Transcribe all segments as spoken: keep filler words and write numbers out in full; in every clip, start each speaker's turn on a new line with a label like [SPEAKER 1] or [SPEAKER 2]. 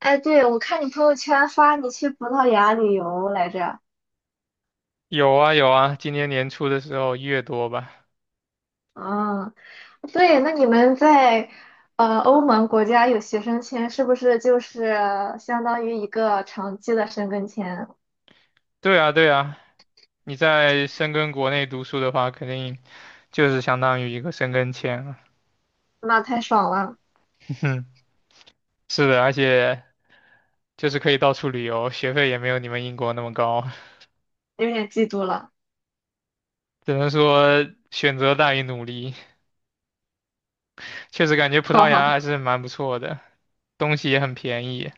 [SPEAKER 1] 哎，对，我看你朋友圈发你去葡萄牙旅游来着。
[SPEAKER 2] 有啊有啊，今年年初的时候一月多吧。
[SPEAKER 1] 嗯，对，那你们在呃欧盟国家有学生签，是不是就是相当于一个长期的申根签？
[SPEAKER 2] 对啊对啊，你在深根国内读书的话，肯定就是相当于一个申根签了。
[SPEAKER 1] 那太爽了，
[SPEAKER 2] 哼，是的，而且就是可以到处旅游，学费也没有你们英国那么高。
[SPEAKER 1] 有点嫉妒了。
[SPEAKER 2] 只能说选择大于努力。确实感觉葡
[SPEAKER 1] 好
[SPEAKER 2] 萄
[SPEAKER 1] 好
[SPEAKER 2] 牙还
[SPEAKER 1] 好，
[SPEAKER 2] 是蛮不错的，东西也很便宜，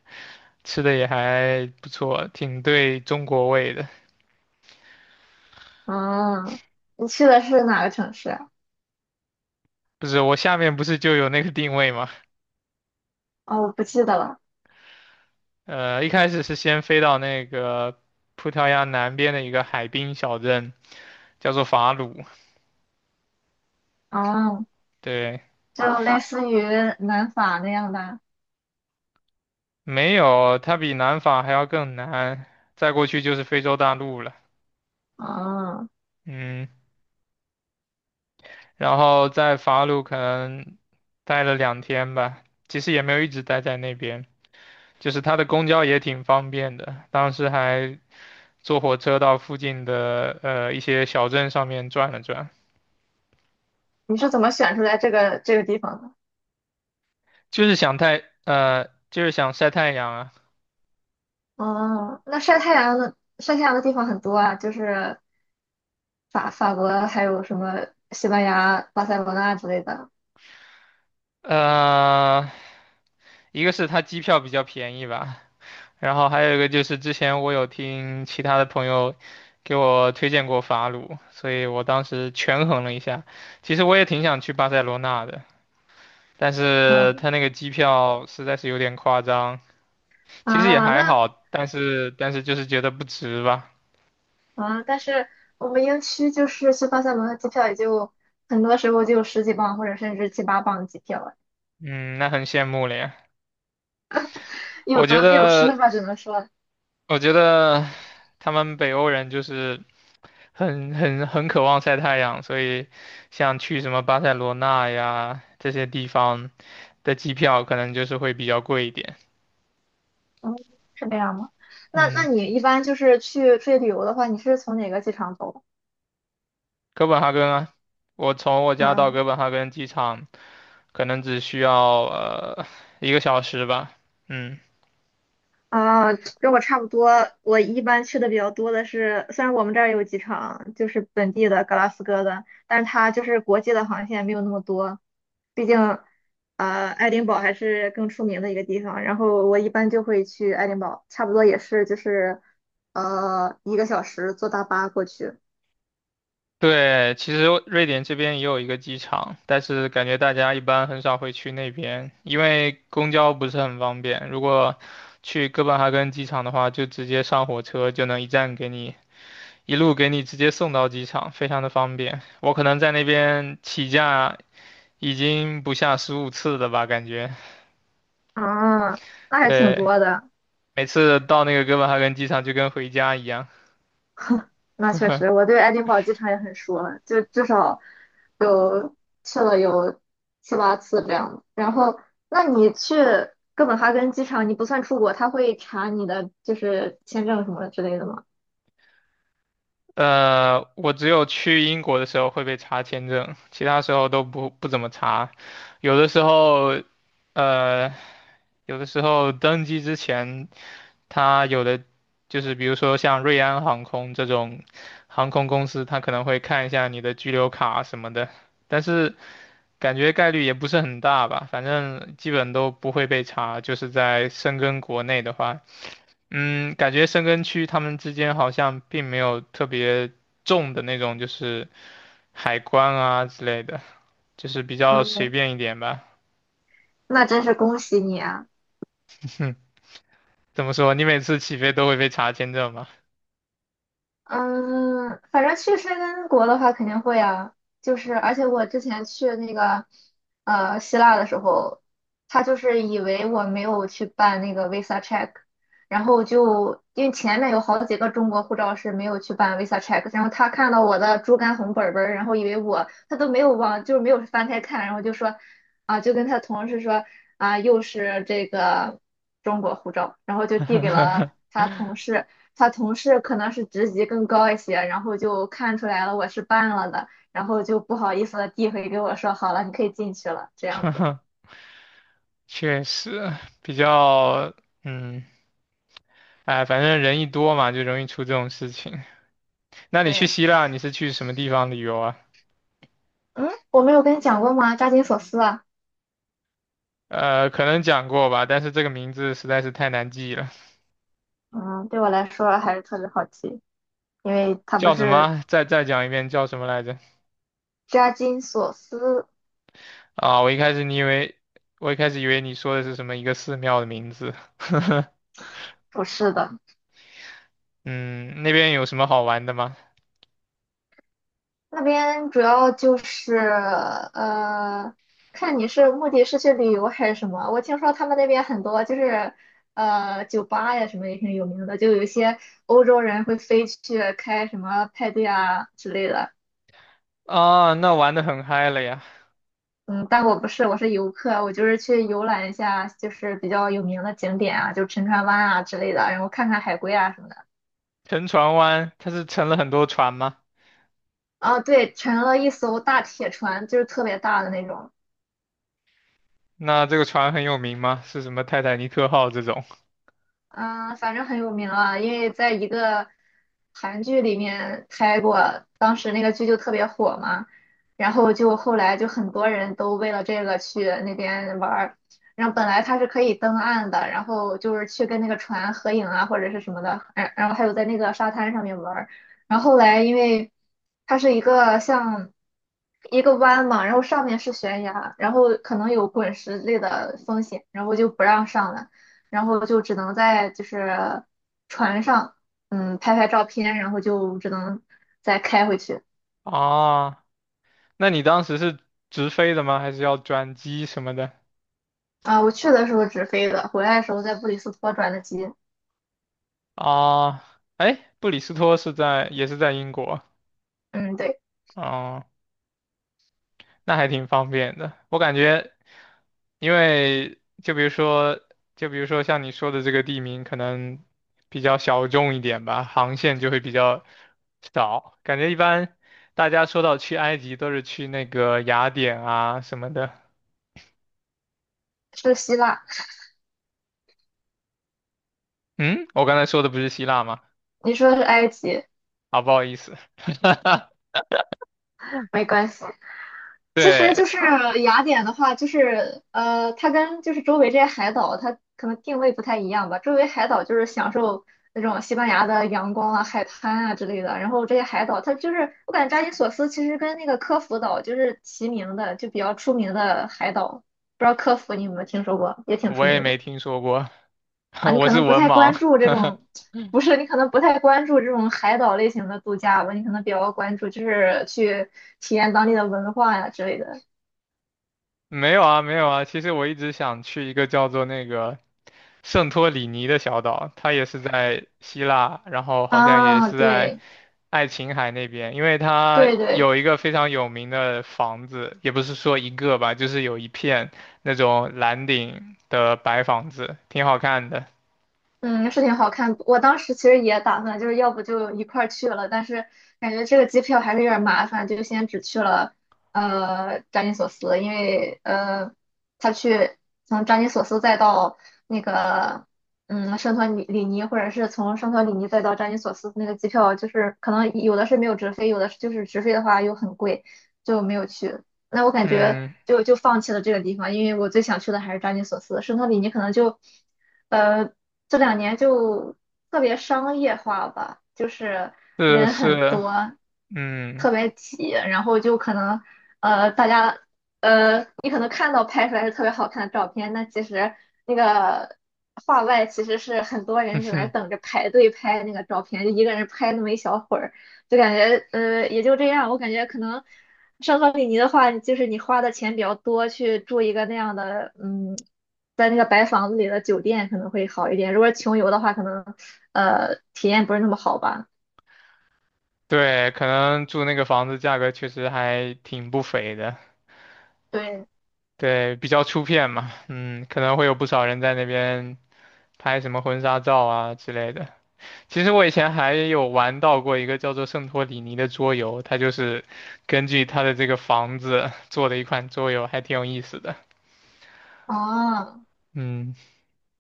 [SPEAKER 2] 吃的也还不错，挺对中国胃的。
[SPEAKER 1] 嗯，你去的是哪个城市？
[SPEAKER 2] 不是，我下面不是就有那个定位吗？
[SPEAKER 1] 哦，我不记得了。
[SPEAKER 2] 呃，一开始是先飞到那个葡萄牙南边的一个海滨小镇，叫做法鲁。
[SPEAKER 1] 哦，
[SPEAKER 2] 对，
[SPEAKER 1] 就类似于南法那样的。
[SPEAKER 2] 没有，它比南法还要更南，再过去就是非洲大陆了。
[SPEAKER 1] 哦，
[SPEAKER 2] 嗯，然后在法鲁可能待了两天吧，其实也没有一直待在那边，就是它的公交也挺方便的，当时还坐火车到附近的呃一些小镇上面转了转。
[SPEAKER 1] 你是怎么选出来这个这个地方的？
[SPEAKER 2] 就是想太呃就是想晒太阳啊。
[SPEAKER 1] 哦，那晒太阳的晒太阳的地方很多啊，就是法法国，还有什么西班牙、巴塞罗那之类的。
[SPEAKER 2] 呃，一个是它机票比较便宜吧，然后还有一个就是之前我有听其他的朋友给我推荐过法鲁，所以我当时权衡了一下，其实我也挺想去巴塞罗那的，但是
[SPEAKER 1] 嗯
[SPEAKER 2] 它那个机票实在是有点夸张。其实也
[SPEAKER 1] 啊，
[SPEAKER 2] 还
[SPEAKER 1] 那
[SPEAKER 2] 好，但是但是就是觉得不值吧。
[SPEAKER 1] 啊，但是我们英区就是去巴塞罗那机票也就很多时候就十几磅或者甚至七八磅机票了，
[SPEAKER 2] 嗯，那很羡慕了呀。
[SPEAKER 1] 有
[SPEAKER 2] 我觉
[SPEAKER 1] 得必有失
[SPEAKER 2] 得
[SPEAKER 1] 吧，只能说，
[SPEAKER 2] 我觉得他们北欧人就是很很很渴望晒太阳，所以像去什么巴塞罗那呀这些地方的机票可能就是会比较贵一点。
[SPEAKER 1] 嗯，是这样吗？那那
[SPEAKER 2] 嗯，
[SPEAKER 1] 你一般就是去出去旅游的话，你是从哪个机场走？
[SPEAKER 2] 哥本哈根啊。我从我家到
[SPEAKER 1] 嗯
[SPEAKER 2] 哥本哈根机场可能只需要呃一个小时吧。嗯，
[SPEAKER 1] 啊，跟我差不多。我一般去的比较多的是，虽然我们这儿有机场，就是本地的格拉斯哥的，但是它就是国际的航线没有那么多。毕竟，呃，爱丁堡还是更出名的一个地方。然后我一般就会去爱丁堡，差不多也是就是，呃，一个小时坐大巴过去。
[SPEAKER 2] 对，其实瑞典这边也有一个机场，但是感觉大家一般很少会去那边，因为公交不是很方便。如果去哥本哈根机场的话，就直接上火车就能一站给你，一路给你直接送到机场，非常的方便。我可能在那边起降已经不下十五次了吧，感觉。
[SPEAKER 1] 啊，那还挺
[SPEAKER 2] 对，
[SPEAKER 1] 多的。
[SPEAKER 2] 每次到那个哥本哈根机场就跟回家一样。
[SPEAKER 1] 那确实，我对爱丁堡机场也很熟了，就至少有去了有七八次这样的然后，那你去哥本哈根机场，你不算出国，他会查你的就是签证什么之类的吗？
[SPEAKER 2] 呃，我只有去英国的时候会被查签证，其他时候都不不怎么查。有的时候，呃，有的时候登机之前，他有的就是比如说像瑞安航空这种航空公司，他可能会看一下你的居留卡什么的。但是感觉概率也不是很大吧，反正基本都不会被查。就是在深根国内的话，嗯，感觉深根区他们之间好像并没有特别重的那种，就是海关啊之类的，就是比较随
[SPEAKER 1] 嗯，
[SPEAKER 2] 便一点吧。
[SPEAKER 1] 那真是恭喜你啊！
[SPEAKER 2] 哼，怎么说？你每次起飞都会被查签证吗？
[SPEAKER 1] 嗯，反正去申根国的话肯定会啊，就是而且我之前去那个呃希腊的时候，他就是以为我没有去办那个 visa check，然后就因为前面有好几个中国护照是没有去办 visa check，然后他看到我的猪肝红本本儿，然后以为我他都没有往就是没有翻开看，然后就说啊就跟他同事说啊又是这个中国护照，然后就递给了他同 事。他同事可能是职级更高一些，然后就看出来了我是办了的，然后就不好意思的递回给我说，好了，你可以进去了，这样子。
[SPEAKER 2] 确实，比较，嗯，哎，反正人一多嘛，就容易出这种事情。那你去
[SPEAKER 1] 对，
[SPEAKER 2] 希腊，你是去什么地方旅游啊？
[SPEAKER 1] 嗯，我没有跟你讲过吗？扎金索斯啊，
[SPEAKER 2] 呃，可能讲过吧，但是这个名字实在是太难记了。
[SPEAKER 1] 嗯，对我来说还是特别好奇，因为他不
[SPEAKER 2] 叫什
[SPEAKER 1] 是
[SPEAKER 2] 么？再再讲一遍，叫什么来着？
[SPEAKER 1] 扎金索斯
[SPEAKER 2] 啊，我一开始你以为，我一开始以为你说的是什么一个寺庙的名字。
[SPEAKER 1] 不是的。
[SPEAKER 2] 嗯，那边有什么好玩的吗？
[SPEAKER 1] 那边主要就是呃，看你是目的是去旅游还是什么。我听说他们那边很多就是呃酒吧呀什么也挺有名的，就有一些欧洲人会飞去开什么派对啊之类的。
[SPEAKER 2] 啊，那玩的很嗨了呀。
[SPEAKER 1] 嗯，但我不是，我是游客，我就是去游览一下，就是比较有名的景点啊，就沉船湾啊之类的，然后看看海龟啊什么的。
[SPEAKER 2] 沉船湾，它是沉了很多船吗？
[SPEAKER 1] 啊，对，乘了一艘大铁船，就是特别大的那种。
[SPEAKER 2] 那这个船很有名吗？是什么泰坦尼克号这种？
[SPEAKER 1] 嗯，反正很有名啊，因为在一个韩剧里面拍过，当时那个剧就特别火嘛，然后就后来就很多人都为了这个去那边玩儿，然后本来它是可以登岸的，然后就是去跟那个船合影啊或者是什么的，然然后还有在那个沙滩上面玩儿，然后后来因为它是一个像一个湾嘛，然后上面是悬崖，然后可能有滚石类的风险，然后就不让上了。然后就只能在就是船上，嗯，拍拍照片，然后就只能再开回去。
[SPEAKER 2] 啊，那你当时是直飞的吗？还是要转机什么的？
[SPEAKER 1] 啊，我去的时候直飞的，回来的时候在布里斯托转的机。
[SPEAKER 2] 啊，哎，布里斯托是在，也是在英国。
[SPEAKER 1] 嗯，对，
[SPEAKER 2] 哦，那还挺方便的。我感觉，因为就比如说，就比如说像你说的这个地名，可能比较小众一点吧，航线就会比较少。感觉一般大家说到去埃及，都是去那个雅典啊什么的。
[SPEAKER 1] 是希腊。
[SPEAKER 2] 嗯，我刚才说的不是希腊吗？
[SPEAKER 1] 你说的是埃及，
[SPEAKER 2] 啊，不好意思。
[SPEAKER 1] 没关系。其实
[SPEAKER 2] 对，
[SPEAKER 1] 就是雅典的话，就是呃，它跟就是周围这些海岛，它可能定位不太一样吧。周围海岛就是享受那种西班牙的阳光啊、海滩啊之类的，然后这些海岛它就是我感觉扎金索斯其实跟那个科孚岛就是齐名的，就比较出名的海岛。不知道科孚你有没有听说过，也挺
[SPEAKER 2] 我
[SPEAKER 1] 出
[SPEAKER 2] 也
[SPEAKER 1] 名的
[SPEAKER 2] 没听说过。
[SPEAKER 1] 啊。你
[SPEAKER 2] 我
[SPEAKER 1] 可
[SPEAKER 2] 是
[SPEAKER 1] 能不
[SPEAKER 2] 文
[SPEAKER 1] 太关
[SPEAKER 2] 盲。
[SPEAKER 1] 注这 种，不是你可能不太关注这种海岛类型的度假吧，你可能比较关注就是去体验当地的文化呀、之类的。
[SPEAKER 2] 没有啊，没有啊。其实我一直想去一个叫做那个圣托里尼的小岛，它也是在希腊，然后好像也
[SPEAKER 1] 啊，
[SPEAKER 2] 是在
[SPEAKER 1] 对
[SPEAKER 2] 爱琴海那边，因为它
[SPEAKER 1] 对对，
[SPEAKER 2] 有一个非常有名的房子，也不是说一个吧，就是有一片那种蓝顶的白房子，挺好看的。
[SPEAKER 1] 嗯，是挺好看。我当时其实也打算，就是要不就一块儿去了，但是感觉这个机票还是有点儿麻烦，就先只去了呃扎金索斯，因为呃他去从扎金索斯再到那个嗯圣托里里尼，或者是从圣托里尼再到扎金索斯那个机票，就是可能有的是没有直飞，有的是就是直飞的话又很贵，就没有去。那我感觉
[SPEAKER 2] 嗯，
[SPEAKER 1] 就就放弃了这个地方，因为我最想去的还是扎金索斯。圣托里尼可能就，呃，这两年就特别商业化吧，就是
[SPEAKER 2] 是
[SPEAKER 1] 人很
[SPEAKER 2] 是，
[SPEAKER 1] 多，
[SPEAKER 2] 嗯，
[SPEAKER 1] 特别挤，然后就可能，呃，大家，呃，你可能看到拍出来是特别好看的照片，那其实那个画外其实是很多人在那儿 等着排队拍那个照片，就一个人拍那么一小会儿，就感觉，呃，也就这样。我感觉可能。圣托里尼的话，就是你花的钱比较多，去住一个那样的，嗯，在那个白房子里的酒店可能会好一点。如果是穷游的话，可能呃体验不是那么好吧。
[SPEAKER 2] 对，可能住那个房子价格确实还挺不菲的。
[SPEAKER 1] 对，
[SPEAKER 2] 对，比较出片嘛，嗯，可能会有不少人在那边拍什么婚纱照啊之类的。其实我以前还有玩到过一个叫做《圣托里尼》的桌游，它就是根据它的这个房子做的一款桌游，还挺有意思的。
[SPEAKER 1] 哦，
[SPEAKER 2] 嗯，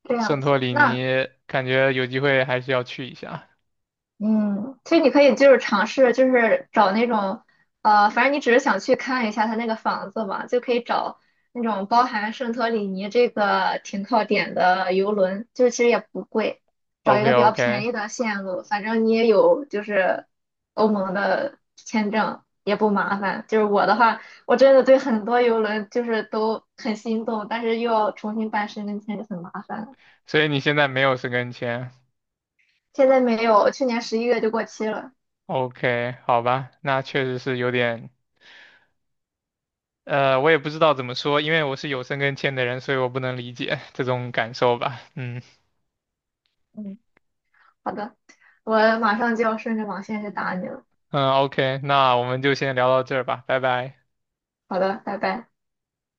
[SPEAKER 1] 这
[SPEAKER 2] 圣
[SPEAKER 1] 样
[SPEAKER 2] 托
[SPEAKER 1] 子，
[SPEAKER 2] 里
[SPEAKER 1] 那
[SPEAKER 2] 尼感觉有机会还是要去一下。
[SPEAKER 1] 嗯，其实你可以就是尝试，就是找那种，呃，反正你只是想去看一下他那个房子嘛，就可以找那种包含圣托里尼这个停靠点的游轮，就是其实也不贵，找一
[SPEAKER 2] OK
[SPEAKER 1] 个比较便
[SPEAKER 2] OK。
[SPEAKER 1] 宜的线路，反正你也有就是欧盟的签证，也不麻烦。就是我的话，我真的对很多游轮就是都很心动，但是又要重新办申根签就很麻烦了。
[SPEAKER 2] 所以你现在没有申根签
[SPEAKER 1] 现在没有，去年十一月就过期了。
[SPEAKER 2] ？OK，好吧，那确实是有点呃，我也不知道怎么说。因为我是有深跟签的人，所以我不能理解 这种感受吧。嗯
[SPEAKER 1] 嗯。好的，我马上就要顺着网线去打你了。
[SPEAKER 2] 嗯，OK，那我们就先聊到这儿吧，拜拜。
[SPEAKER 1] 好的，拜拜。